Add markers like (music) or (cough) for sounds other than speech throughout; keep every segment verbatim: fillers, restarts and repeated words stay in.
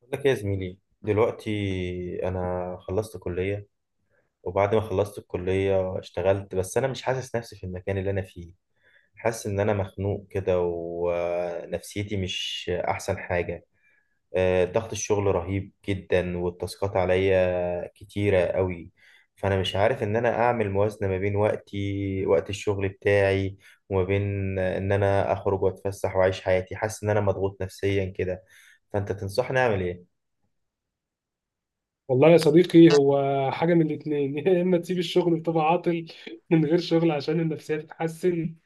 بقول لك إيه يا زميلي دلوقتي. انا خلصت كلية، وبعد ما خلصت الكلية اشتغلت بس انا مش حاسس نفسي في المكان اللي انا فيه. حاسس ان انا مخنوق كده ونفسيتي مش احسن حاجة. آه، ضغط الشغل رهيب جدا والتاسكات عليا كتيرة قوي. فانا مش عارف ان انا اعمل موازنة ما بين وقتي وقت الشغل بتاعي وما بين ان انا اخرج واتفسح واعيش حياتي. حاسس ان انا مضغوط نفسيا كده. فانت تنصحني اعمل ايه؟ والله يا صديقي، هو حاجة من الاتنين (laughs) يا إما تسيب الشغل وتبقى عاطل من غير شغل عشان النفسية تتحسن،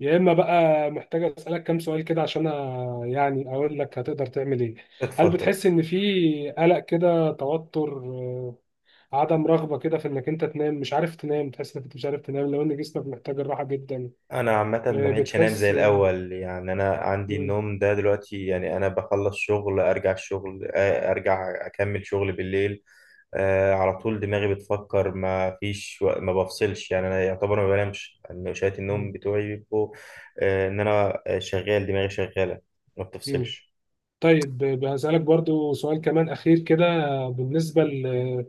يا إما بقى محتاج أسألك كام سؤال كده عشان أ- يعني أقول لك هتقدر تعمل إيه. هل اتفضل. بتحس إن في قلق كده، توتر، آه، عدم رغبة كده في إنك أنت تنام؟ مش عارف تنام، تحس إنك مش عارف تنام لو إن جسمك محتاج الراحة جدا؟ انا عامه ما آه، بقتش انام زي بتحس. آه. الاول، يعني انا عندي مم. النوم ده دلوقتي، يعني انا بخلص شغل ارجع الشغل، آه، ارجع اكمل شغل بالليل. آه، على طول دماغي بتفكر، ما فيش وق- ما بفصلش، يعني انا يعتبر ما بنامش، يعني شويه النوم مم. بتوعي بيبقوا آه، ان انا شغال، دماغي شغاله ما مم. بتفصلش. طيب ب- هسألك برضو سؤال كمان أخير كده. بالنسبة ل-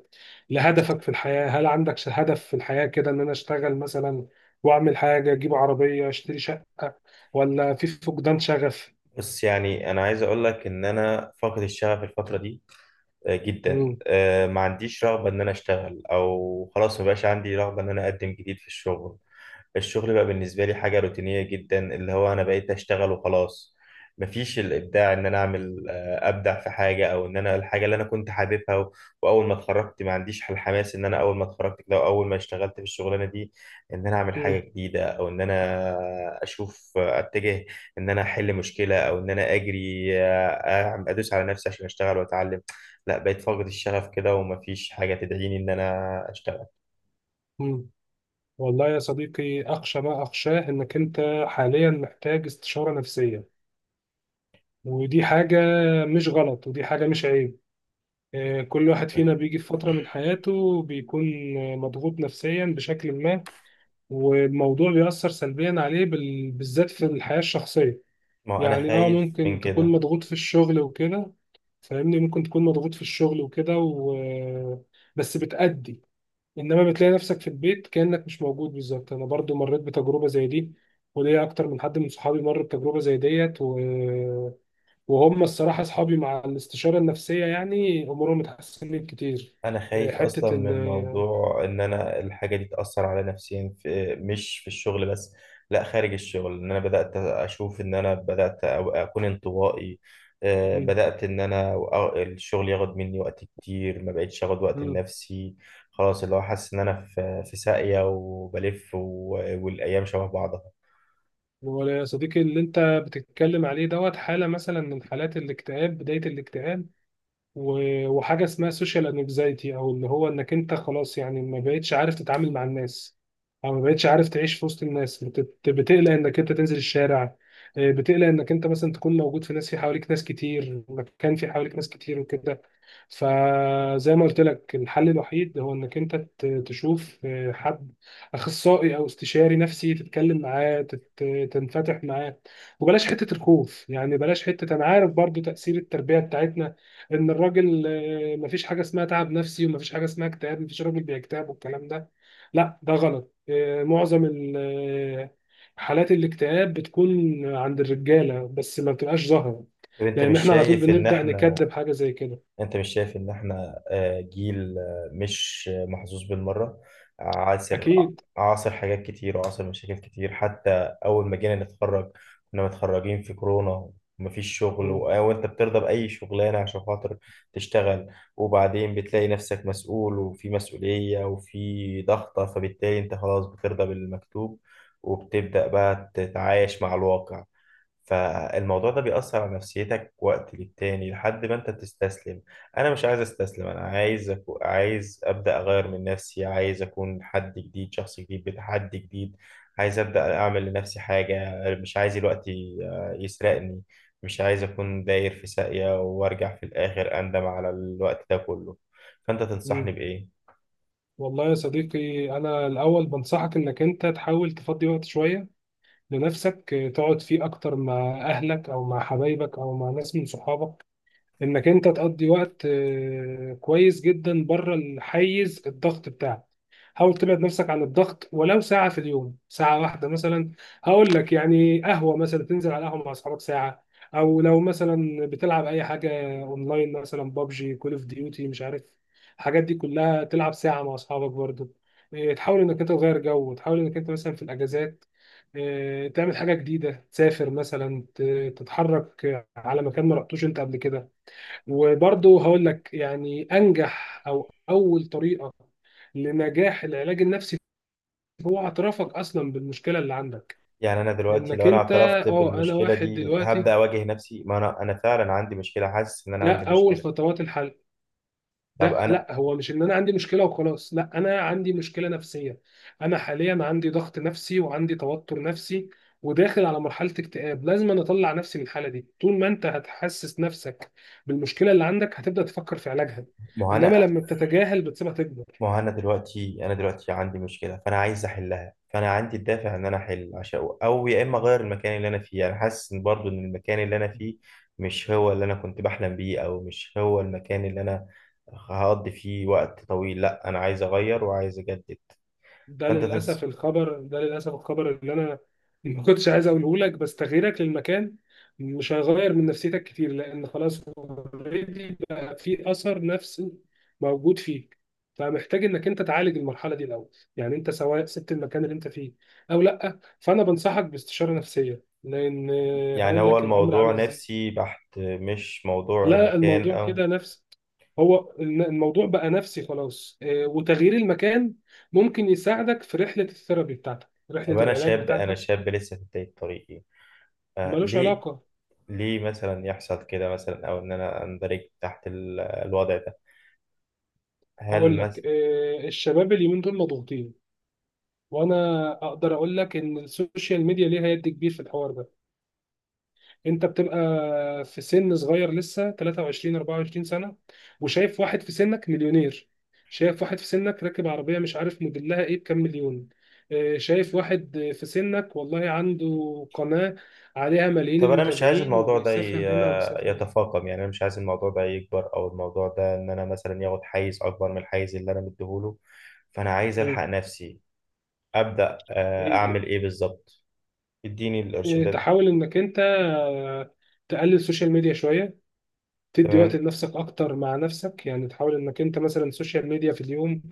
لهدفك في الحياة، هل عندك ش- هدف في الحياة كده؟ إن أنا أشتغل مثلا وأعمل حاجة، أجيب عربية، أشتري شقة، ولا في فقدان شغف؟ بس يعني انا عايز اقول لك ان انا فاقد الشغف الفتره دي آه، جدا. مم. آه، ما عنديش رغبه ان انا اشتغل، او خلاص ما بقاش عندي رغبه ان انا اقدم جديد في الشغل. الشغل بقى بالنسبة لي حاجة روتينية جدا، اللي هو أنا بقيت أشتغل وخلاص. مفيش الإبداع، إن أنا أعمل آه، أبدع في حاجة، أو إن أنا الحاجة اللي أنا كنت حاببها و- وأول ما اتخرجت، ما عنديش الحماس إن أنا أول ما اتخرجت كده وأول ما اشتغلت في الشغلانة دي، إن أنا أعمل حاجة مم. جديدة أو إن أنا أشوف آه، أتجه، إن أنا أحل مشكلة أو إن أنا أجري آه، أعم- أدوس على نفسي عشان أشتغل وأتعلم. لا، بقيت فاقد الشغف كده، ومفيش حاجة تدعيني إن أنا أشتغل. مم. والله يا صديقي، أخشى ما أخشاه إنك أنت حاليا محتاج استشارة نفسية، ودي حاجة مش غلط، ودي حاجة مش عيب. آه، كل واحد فينا بيجي في فترة من حياته بيكون آه، مضغوط نفسيا بشكل ما، والموضوع بيأثر سلبيا عليه بال... بالذات في الحياة الشخصية. ما هو أنا يعني اه خايف من ممكن تكون كده. مضغوط في الشغل وكده، فاهمني، ممكن تكون مضغوط في الشغل وكده و... بس بتأدي، انما بتلاقي نفسك في البيت كأنك مش موجود بالظبط. انا برضو مريت بتجربة زي دي، وليا اكتر من حد من صحابي مر بتجربة زي ديت و... وهم الصراحة اصحابي مع الاستشارة النفسية يعني امورهم اتحسنت كتير. انا آه، خايف اصلا حتة من موضوع ان انا الحاجه دي تاثر على نفسيا، في مش في الشغل بس، لا خارج الشغل، ان انا بدات اشوف ان انا بدات أو- اكون انطوائي. آه، ال. بدات ان انا أو- الشغل ياخد مني وقت كتير، ما بقتش اخد وقت لنفسي. خلاص، اللي هو حاسس ان انا في في ساقيه وبلف، و- والايام شبه بعضها. هو يا صديقي اللي انت بتتكلم عليه دوت حالة مثلا من حالات الاكتئاب، بداية الاكتئاب، و- وحاجه اسمها سوشيال انكزايتي، او اللي هو انك انت خلاص يعني ما بقتش عارف تتعامل مع الناس، او ما بقتش عارف تعيش في وسط الناس، بت- بتقلق انك انت تنزل الشارع، آه، بتقلق انك انت مثلا تكون موجود في ناس، في حواليك ناس كتير، مكان في حواليك ناس كتير وكده. فزي ما قلت لك، الحل الوحيد هو انك انت ت- تشوف آه، حد اخصائي او استشاري نفسي، تتكلم معاه، تت- تنفتح معاه. وبلاش حته الخوف، يعني بلاش حته، انا عارف برضو تاثير التربيه بتاعتنا، ان الراجل آه، مفيش حاجه اسمها تعب نفسي، ومفيش حاجه اسمها اكتئاب، مفيش راجل بيكتئب والكلام ده. لا، ده غلط. آه، معظم ال- آه، حالات الاكتئاب بتكون عند الرجاله، بس ما بتبقاش ظاهره، طب انت لان مش احنا على طول شايف ان بنبدا احنا نكذب حاجه زي كده. انت مش شايف ان احنا آه، جيل آه، مش محظوظ بالمرة؟ عاصر اكيد. عاصر حاجات كتير وعاصر مشاكل كتير، حتى اول ما جينا نتخرج كنا متخرجين في كورونا، ومفيش شغل، و- مم. وانت بترضى بأي شغلانة عشان خاطر تشتغل. وبعدين بتلاقي نفسك مسؤول، وفي مسؤولية، وفي ضغطة، فبالتالي انت خلاص بترضى بالمكتوب، وبتبدأ بقى تتعايش مع الواقع. فالموضوع ده بيأثر على نفسيتك وقت للتاني لحد ما انت تستسلم. انا مش عايز استسلم، انا عايز أكو... عايز ابدا اغير من نفسي، عايز اكون حد جديد، شخص جديد بتحدي جديد. عايز ابدا اعمل لنفسي حاجه، مش عايز الوقت ي- يسرقني، مش عايز اكون داير في ساقية وارجع في الاخر اندم على الوقت ده كله. فانت تنصحني مم. بايه؟ والله يا صديقي، انا الاول بنصحك انك انت تحاول تفضي وقت شويه لنفسك، آه، تقعد فيه اكتر مع اهلك او مع حبايبك او مع ناس من صحابك، انك انت تقضي وقت آه، كويس جدا بره الحيز الضغط بتاعك. حاول تبعد نفسك عن الضغط ولو ساعة في اليوم، ساعة واحدة مثلا. هقول لك، يعني قهوة مثلا، تنزل على قهوة مع أصحابك ساعة. أو لو مثلا بتلعب أي حاجة أونلاين، مثلا بابجي، كول أوف ديوتي، مش عارف، الحاجات دي كلها، تلعب ساعة مع أصحابك برضو. إيه، تحاول إنك أنت تغير جو، تحاول إنك أنت مثلا في الأجازات إيه، تعمل حاجة جديدة، تسافر مثلا، ت- تتحرك على مكان ما رحتوش أنت قبل كده. وبرضه هقول لك، يعني انجح او اول طريقه لنجاح العلاج النفسي، هو اعترافك اصلا بالمشكله اللي عندك، يعني انا دلوقتي لو انك انا انت اعترفت اه انا بالمشكله واحد دي، هبدا دلوقتي، اواجه نفسي، ما انا انا فعلا عندي مشكله، حاسس ان انا ده عندي اول مشكله. خطوات الحل. طب ده انا لا، هو مش ان انا عندي مشكله وخلاص، لا، انا عندي مشكله نفسيه، انا حاليا عندي ضغط نفسي وعندي توتر نفسي وداخل على مرحله اكتئاب، لازم أنا اطلع نفسي من الحاله دي. طول ما انت هتحسس نفسك بالمشكله اللي عندك، هتبدا تفكر في علاجها، ما هو انما انا لما بتتجاهل بتسيبها تكبر. ما هو انا دلوقتي انا دلوقتي عندي مشكله، فانا عايز احلها، فانا عندي الدافع ان انا احل، عشان او يا اما اغير المكان اللي انا فيه. انا حاسس ان برضو ان المكان اللي انا فيه مش هو اللي انا كنت بحلم بيه، او مش هو المكان اللي انا هقضي فيه وقت طويل. لا، انا عايز اغير وعايز اجدد. ده فانت للاسف تنس الخبر، ده للاسف الخبر اللي انا ما كنتش عايز اقوله لك، بس تغييرك للمكان مش هيغير من نفسيتك كتير، لان خلاص اوريدي بقى في اثر نفسي موجود فيك، فمحتاج انك انت تعالج المرحله دي الاول. يعني انت سواء سبت المكان اللي انت فيه او لا، فانا بنصحك باستشاره نفسيه، لان يعني هقول هو لك الامر الموضوع عامل ازاي. نفسي بحت، مش موضوع لا، مكان الموضوع او... كده نفس، هو الن- الموضوع بقى نفسي خلاص، آه، وتغيير المكان ممكن يساعدك في رحلة الثيرابي بتاعتك، رحلة طب انا العلاج شاب، انا بتاعتك، شاب لسه في بدايه طريقي. آه ملوش ليه علاقة. ليه مثلا يحصل كده، مثلا او ان انا اندرج تحت ال- الوضع ده؟ هل هقول لك، مثلا... آه، الشباب اليومين دول مضغوطين، وانا اقدر اقول لك ان السوشيال ميديا ليها يد كبير في الحوار ده. انت بتبقى في سن صغير لسه، تلاتة وعشرين اربعة وعشرين سنه، وشايف واحد في سنك مليونير، شايف واحد في سنك راكب عربيه مش عارف موديلها ايه بكام مليون، آه، شايف واحد في سنك والله عنده قناه عليها ملايين طب انا مش عايز المتابعين، الموضوع ده وبيسافر هنا ي- وبيسافر هنا. يتفاقم، يعني انا مش عايز الموضوع ده يكبر، او الموضوع ده ان انا مثلا ياخد حيز اكبر من الحيز اللي انا مديهوله. فانا عايز الحق مم. نفسي، ابدا آه، إيه- اعمل ايه بالظبط؟ اديني إيه، الارشادات. تحاول انك انت آه، تقلل السوشيال ميديا شويه، تدي وقت تمام. لنفسك اكتر مع نفسك. يعني تحاول انك انت مثلا سوشيال ميديا في اليوم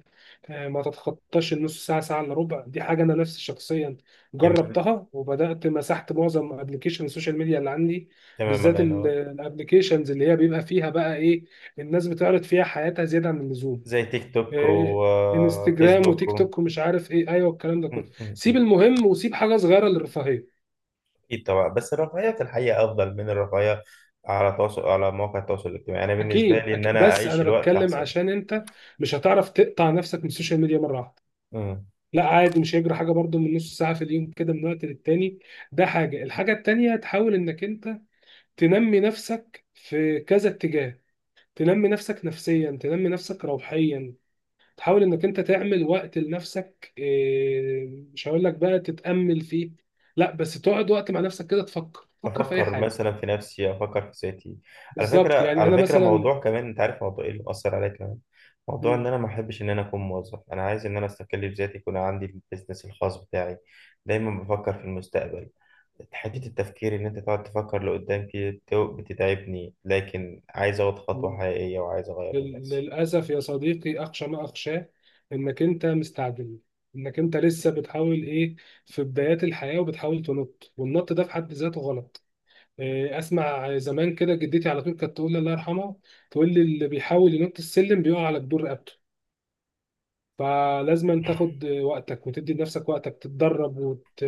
آه، ما تتخطاش النص ساعه، ساعه الا ربع. دي حاجه انا نفسي شخصيا تمام. جربتها، وبدات مسحت معظم ابلكيشن السوشيال ميديا اللي عندي، تمام، الله بالذات ينور. الابلكيشنز اللي هي بيبقى فيها بقى ايه، الناس بتعرض فيها حياتها زياده عن اللزوم، زي تيك توك آه، انستجرام وفيسبوك وتيك و... م- توك ومش عارف ايه، ايوه الكلام ده كله. م- م. سيب المهم، وسيب حاجه صغيره للرفاهيه. اكيد طبعا، بس الرفاهيه في الحقيقه افضل من الرفاهيه على تواصل على مواقع التواصل الاجتماعي، انا بالنسبه اكيد لي ان أكيد. انا بس اعيش انا الوقت بتكلم احسن. عشان انت مش هتعرف تقطع نفسك من السوشيال ميديا مره واحده. م. لا عادي، مش هيجري حاجه برضو من نص ساعه في اليوم كده من وقت للتاني، ده حاجه. الحاجه التانيه، تحاول انك انت تنمي نفسك في كذا اتجاه، تنمي نفسك نفسيا، تنمي نفسك روحيا. تحاول انك انت تعمل وقت لنفسك، إيه، مش هقول لك بقى تتامل فيه، لا، بس تقعد وقت مع نفسك كده، تفكر، تفكر في اي افكر حاجه، مثلا في نفسي، افكر في ذاتي. على فكره، بالظبط. يعني على انا فكره مثلا. موضوع كمان، انت عارف موضوع ايه اللي مأثر عليا كمان؟ موضوع ان انا ما احبش ان انا اكون موظف، انا عايز ان انا استقل بذاتي، يكون عندي البيزنس الخاص بتاعي. دايما بفكر في المستقبل، حته التفكير ان انت تقعد تفكر لقدام كده بت- بتتعبني، لكن عايز اخد خطوه مم. حقيقيه وعايز اغير من لل- نفسي. للأسف يا صديقي، أخشى ما أخشاه إنك أنت مستعجل، إنك أنت لسه بتحاول إيه في بدايات الحياة وبتحاول تنط، والنط ده في حد ذاته غلط. إيه، أسمع زمان كده، جدتي على طول كانت تقول لي، الله يرحمها، تقول لي: اللي بيحاول ينط السلم بيقع على جدور رقبته. فلازم تاخد وقتك، وتدي لنفسك وقتك، تتدرب وت...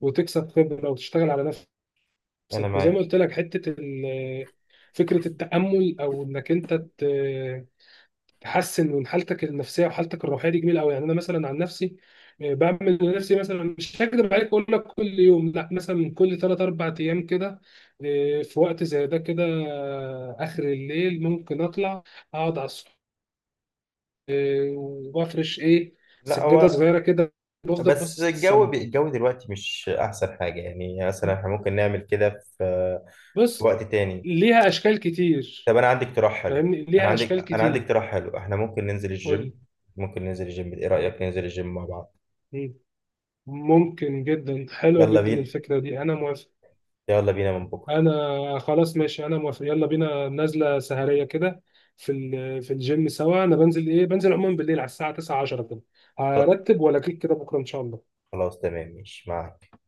وتكسب خبرة وتشتغل على انا نفسك. وزي ما معاك. قلت لك، حتة ال- فكرة التأمل، أو إنك أنت ت... تحسن من حالتك النفسيه وحالتك الروحيه، دي جميله قوي. يعني انا مثلا عن نفسي، آه، بعمل لنفسي مثلا، مش هكذب عليك اقول لك كل يوم، لا، مثلا من كل ثلاث اربع ايام كده، آه، في وقت زي ده كده، آه، اخر الليل، ممكن اطلع اقعد على السطح، وافرش ايه، لا سجاده هو... صغيره كده، بفضل بس باصص الجو للسماء. بي- الجو دلوقتي مش احسن حاجه، يعني مثلا احنا ممكن نعمل كده في في بص، وقت تاني. ليها اشكال كتير، طب انا عندي اقتراح حلو، فاهمني، انا ليها عندي اشكال انا عندي كتير. اقتراح حلو، احنا ممكن ننزل الجيم، قول. ممكن ننزل الجيم، ايه قول. رأيك ننزل الجيم مع بعض؟ مم. ممكن جدا، حلوه يلا جدا بينا. الفكره دي، انا موافق. يلا بينا من بكره. انا خلاص ماشي، انا موافق، يلا بينا نازله سهريه كده في ال- في الجيم سوا. انا بنزل ايه بنزل عموما بالليل على الساعه تسعة عشرة كده، هرتب ولا كده بكره ان شاء الله؟ خلاص، تمام، ماشي معاك.